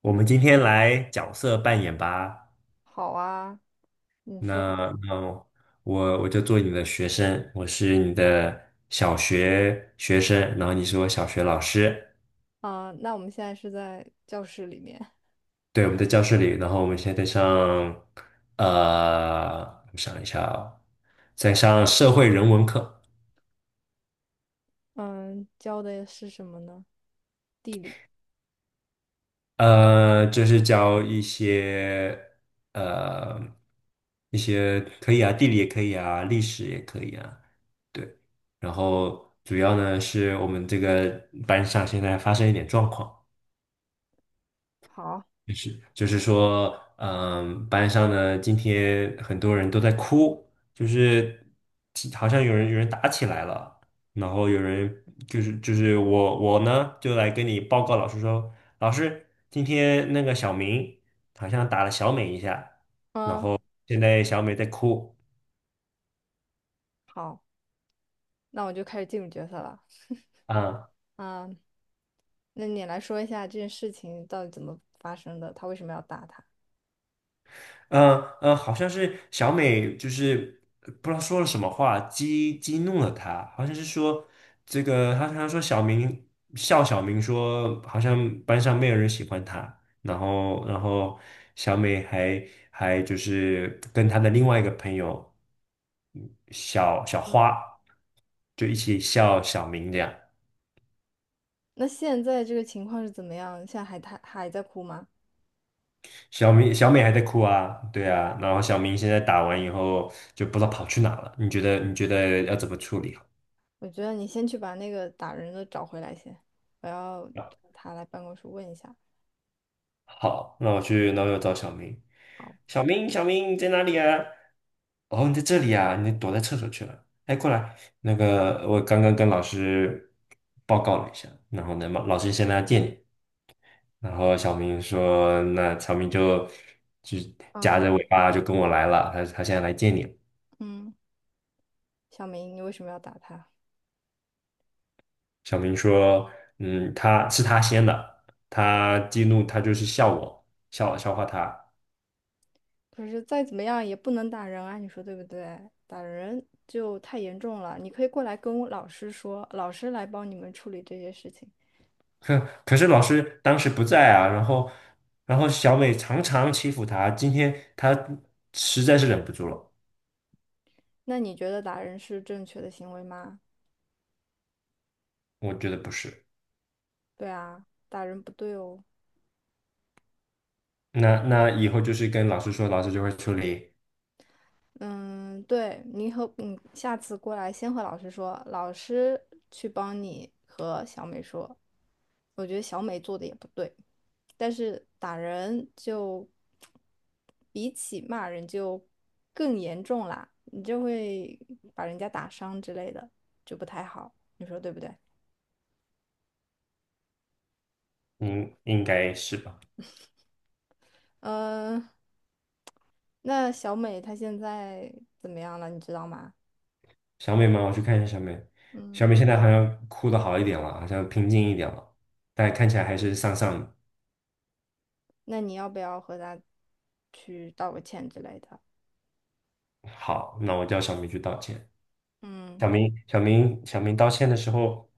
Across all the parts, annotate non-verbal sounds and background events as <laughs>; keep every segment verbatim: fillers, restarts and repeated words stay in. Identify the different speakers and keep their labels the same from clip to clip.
Speaker 1: 我们今天来角色扮演吧。
Speaker 2: 好啊，你说
Speaker 1: 那那我我就做你的学生，我是你的小学学生，然后你是我小学老师。
Speaker 2: 啊，那我们现在是在教室里面，
Speaker 1: 对，我们在教室里，然后我们现在在上，呃，我想一下哦，在上社会人文课。
Speaker 2: 嗯，教的是什么呢？地理。
Speaker 1: 呃，就是教一些呃一些可以啊，地理也可以啊，历史也可以啊，对。然后主要呢是我们这个班上现在发生一点状况，
Speaker 2: 好，
Speaker 1: 是，就是说，嗯，班上呢，今天很多人都在哭，就是其好像有人有人打起来了，然后有人就是就是我我呢就来跟你报告老师说，老师，今天那个小明好像打了小美一下，
Speaker 2: 嗯，
Speaker 1: 现在小美在哭
Speaker 2: 好，那我就开始进入角色了。<laughs>
Speaker 1: 啊。
Speaker 2: 嗯，那你来说一下这件事情到底怎么发生的？他为什么要打他？
Speaker 1: 嗯嗯，好像是小美，就是呃不知道说了什么话，激激怒了他，好像是说这个，他他说小明笑小明说，好像班上没有人喜欢他，然后然后小美还还就是跟她的另外一个朋友小小花，就一起笑小明这样。
Speaker 2: 那现在这个情况是怎么样？现在还他还在哭吗？
Speaker 1: 小明小美还在哭啊，对啊，然后小明现在打完以后就不知道跑去哪了，你觉得你觉得要怎么处理啊？
Speaker 2: 我觉得你先去把那个打人的找回来先，我要他来办公室问一下。
Speaker 1: 好，那我去，那我要找小明。小明，小明，你在哪里啊？哦，你在这里啊，你躲在厕所去了。哎，过来，那个我刚刚跟老师报告了一下，然后呢，老师现在要见你。然后小明说，那小明就就夹
Speaker 2: 嗯
Speaker 1: 着尾巴就跟我来了，他他现在来见你了。
Speaker 2: 嗯，小明，你为什么要打他？
Speaker 1: 小明说，嗯，他是他先的，他激怒他就是笑我，笑笑话他。
Speaker 2: 可是再怎么样也不能打人啊，你说对不对？打人就太严重了。你可以过来跟我老师说，老师来帮你们处理这些事情。
Speaker 1: <laughs> 可可是老师当时不在啊，然后然后小美常常欺负他，今天他实在是忍不住了，
Speaker 2: 那你觉得打人是正确的行为吗？
Speaker 1: 我觉得不是。
Speaker 2: 对啊，打人不对哦。
Speaker 1: 那那以后就是跟老师说，老师就会处理，
Speaker 2: 嗯，对，你和嗯，下次过来先和老师说，老师去帮你和小美说。我觉得小美做的也不对，但是打人就比起骂人就更严重啦，你就会把人家打伤之类的，就不太好，你说对不对？
Speaker 1: 应应该是吧？
Speaker 2: 嗯、那小美她现在怎么样了，你知道吗？
Speaker 1: 小美吗？我去看一下小美，小
Speaker 2: 嗯，
Speaker 1: 美现在好像哭的好一点了，好像平静一点了，但看起来还是丧丧的。
Speaker 2: 那你要不要和她去道个歉之类的？
Speaker 1: 好，那我叫小美去道歉。
Speaker 2: 嗯，
Speaker 1: 小明，小明，小明道歉的时候，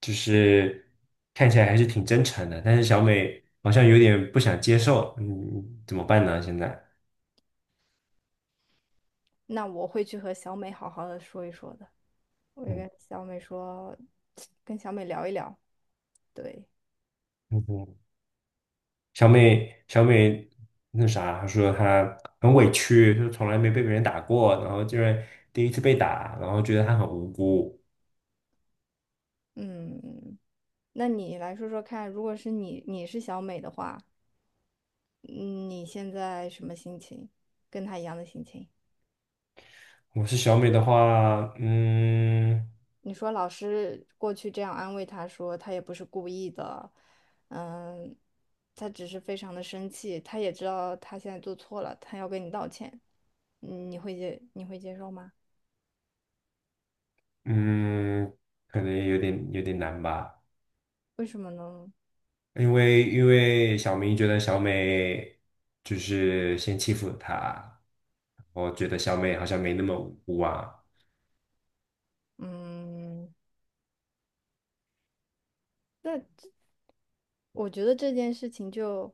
Speaker 1: 就是看起来还是挺真诚的，但是小美好像有点不想接受，嗯，怎么办呢？现在，
Speaker 2: 那我会去和小美好好的说一说的。我会
Speaker 1: 嗯
Speaker 2: 跟小美说，跟小美聊一聊。对，
Speaker 1: 嗯哼，小美，小美那啥，她说她很委屈，就是从来没被别人打过，然后竟然第一次被打，然后觉得她很无辜。
Speaker 2: 嗯，那你来说说看，如果是你，你是小美的话，嗯你现在什么心情？跟她一样的心情？
Speaker 1: 我是小美的话，嗯
Speaker 2: 你说老师过去这样安慰她说，她也不是故意的，嗯，她只是非常的生气，她也知道她现在做错了，她要跟你道歉。嗯，你会接，你会接受吗？
Speaker 1: 嗯，可能有点有点难吧。
Speaker 2: 为什么呢？
Speaker 1: 因为因为小明觉得小美就是先欺负了他，我觉得小美好像没那么无辜啊。
Speaker 2: 嗯，那我觉得这件事情就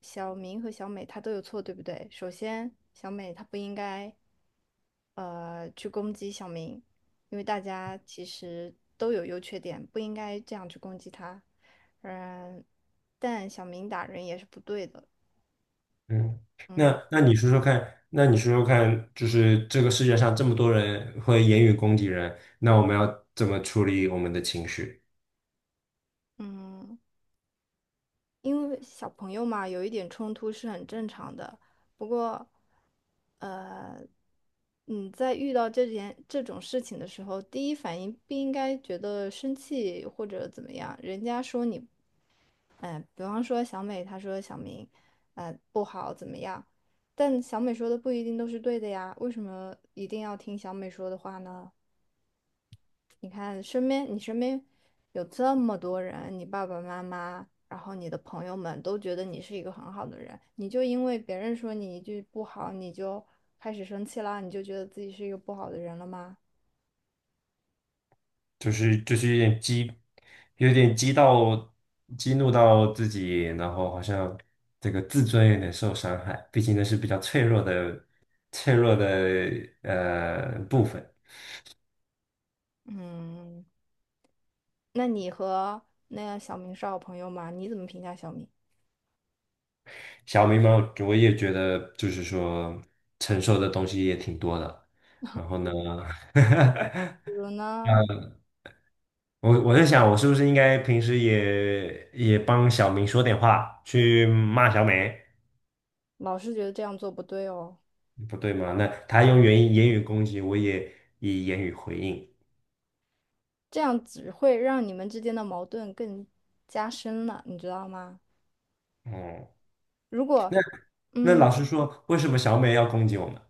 Speaker 2: 小明和小美他都有错，对不对？首先，小美她不应该呃去攻击小明，因为大家其实都有优缺点，不应该这样去攻击他。嗯，但小明打人也是不对的。
Speaker 1: 嗯，那那你说说看，那你说说看，就是这个世界上这么多人会言语攻击人，那我们要怎么处理我们的情绪？
Speaker 2: 嗯，因为小朋友嘛，有一点冲突是很正常的。不过，呃，你在遇到这件这种事情的时候，第一反应不应该觉得生气或者怎么样。人家说你，嗯、比方说小美，她说小明，呃，不好怎么样，但小美说的不一定都是对的呀。为什么一定要听小美说的话呢？你看身边，你身边有这么多人，你爸爸妈妈，然后你的朋友们都觉得你是一个很好的人，你就因为别人说你一句不好，你就开始生气啦，你就觉得自己是一个不好的人了吗？
Speaker 1: 就是就是有点激，有点激到激怒到自己，然后好像这个自尊有点受伤害，毕竟那是比较脆弱的脆弱的呃部分。
Speaker 2: 嗯，那你和那个小明是好朋友吗？你怎么评价小明？
Speaker 1: 小明嘛，我也觉得就是说承受的东西也挺多的，然后呢，<laughs>
Speaker 2: 比如呢，
Speaker 1: 我我在想我是不是应该平时也也帮小明说点话，去骂小美。
Speaker 2: 老师觉得这样做不对哦，
Speaker 1: 不对吗？那他用言语言语攻击，我也以言语回应。
Speaker 2: 这样只会让你们之间的矛盾更加深了，你知道吗？
Speaker 1: 哦，
Speaker 2: 如果
Speaker 1: 那
Speaker 2: 嗯。
Speaker 1: 老师说，为什么小美要攻击我们？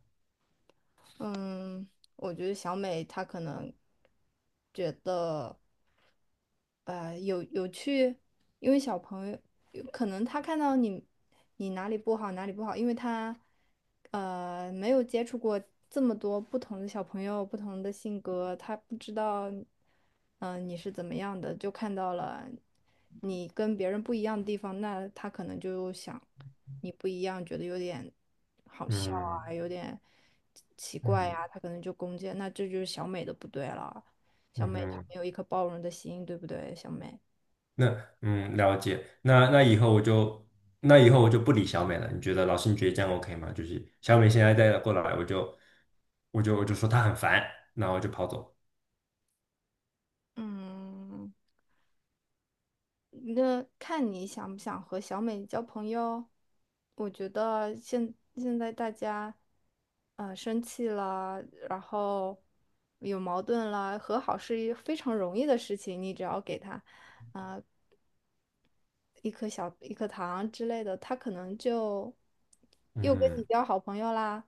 Speaker 2: 嗯，我觉得小美她可能呃，有有去，因为小朋友有可能他看到你你哪里不好哪里不好，因为他呃没有接触过这么多不同的小朋友，不同的性格，他不知道嗯、呃你是怎么样的，就看到了你跟别人不一样的地方，那他可能就想你不一样，觉得有点好笑
Speaker 1: 嗯
Speaker 2: 啊，有点奇怪呀、
Speaker 1: 嗯
Speaker 2: 他可能就攻击，那这就是小美的不对了。小
Speaker 1: 嗯
Speaker 2: 美她
Speaker 1: 哼，
Speaker 2: 没有一颗包容的心，对不对，小美？
Speaker 1: 那嗯了解。那那以后我就那以后我就不理小美了。你觉得老师你觉得这样 OK 吗？就是小美现在再过来，我就我就我就说她很烦，然后我就跑走。
Speaker 2: 嗯，那看你想不想和小美交朋友。我觉得现现在大家，呃，生气了，然后有矛盾了，和好是一非常容易的事情。你只要给他，啊、一颗小一颗糖之类的，他可能就又跟你
Speaker 1: 嗯，
Speaker 2: 交好朋友啦，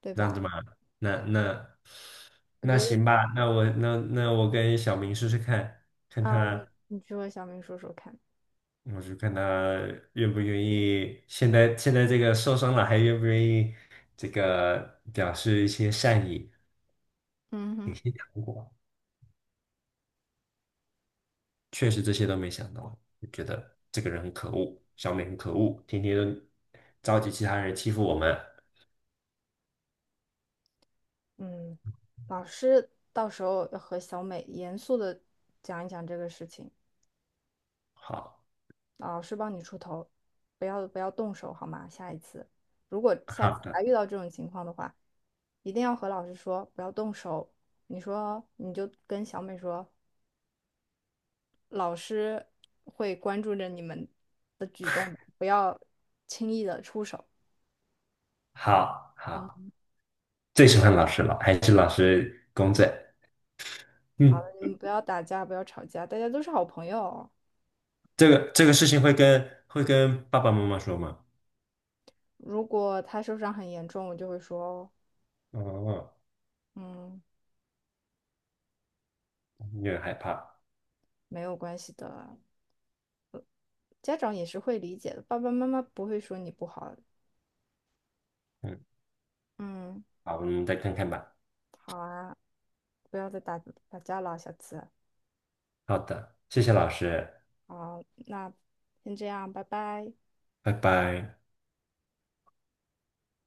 Speaker 2: 对
Speaker 1: 这样子
Speaker 2: 吧？
Speaker 1: 吗？那那
Speaker 2: 我
Speaker 1: 那
Speaker 2: 觉得
Speaker 1: 行吧，那我那那我跟小明试试看，看
Speaker 2: 啊、你
Speaker 1: 他。
Speaker 2: 你去和小美说说看。
Speaker 1: 我就看他愿不愿意，现在现在这个受伤了还愿不愿意这个表示一些善意。
Speaker 2: 嗯哼。
Speaker 1: 如确实这些都没想到，就觉得这个人很可恶，小美很可恶，天天都召集其他人欺负我们。
Speaker 2: 嗯，老师到时候要和小美严肃的讲一讲这个事情，
Speaker 1: 好，
Speaker 2: 老师帮你出头，不要不要动手好吗？下一次，如果
Speaker 1: <laughs>
Speaker 2: 下一
Speaker 1: 好
Speaker 2: 次还
Speaker 1: 的，
Speaker 2: 遇到这种情况的话，一定要和老师说不要动手。你说你就跟小美说，老师会关注着你们的举动的不要轻易的出手。
Speaker 1: 好好，
Speaker 2: 嗯，
Speaker 1: 最喜欢老师了，还是老师公正。
Speaker 2: 好
Speaker 1: 嗯，
Speaker 2: 了，你们不要打架，不要吵架，大家都是好朋友哦。
Speaker 1: 这个这个事情会跟会跟爸爸妈妈说吗？
Speaker 2: 如果他受伤很严重，我就会说，
Speaker 1: 哦，
Speaker 2: 嗯。
Speaker 1: 有点害怕。
Speaker 2: 没有关系的啊，家长也是会理解的，爸爸妈妈不会说你不好。
Speaker 1: 嗯，
Speaker 2: 嗯，
Speaker 1: 好，我们再看看吧。
Speaker 2: 好啊，不要再打打架了，下次。
Speaker 1: 好的，谢谢老师，
Speaker 2: 好，那先这样，拜拜。
Speaker 1: 拜拜。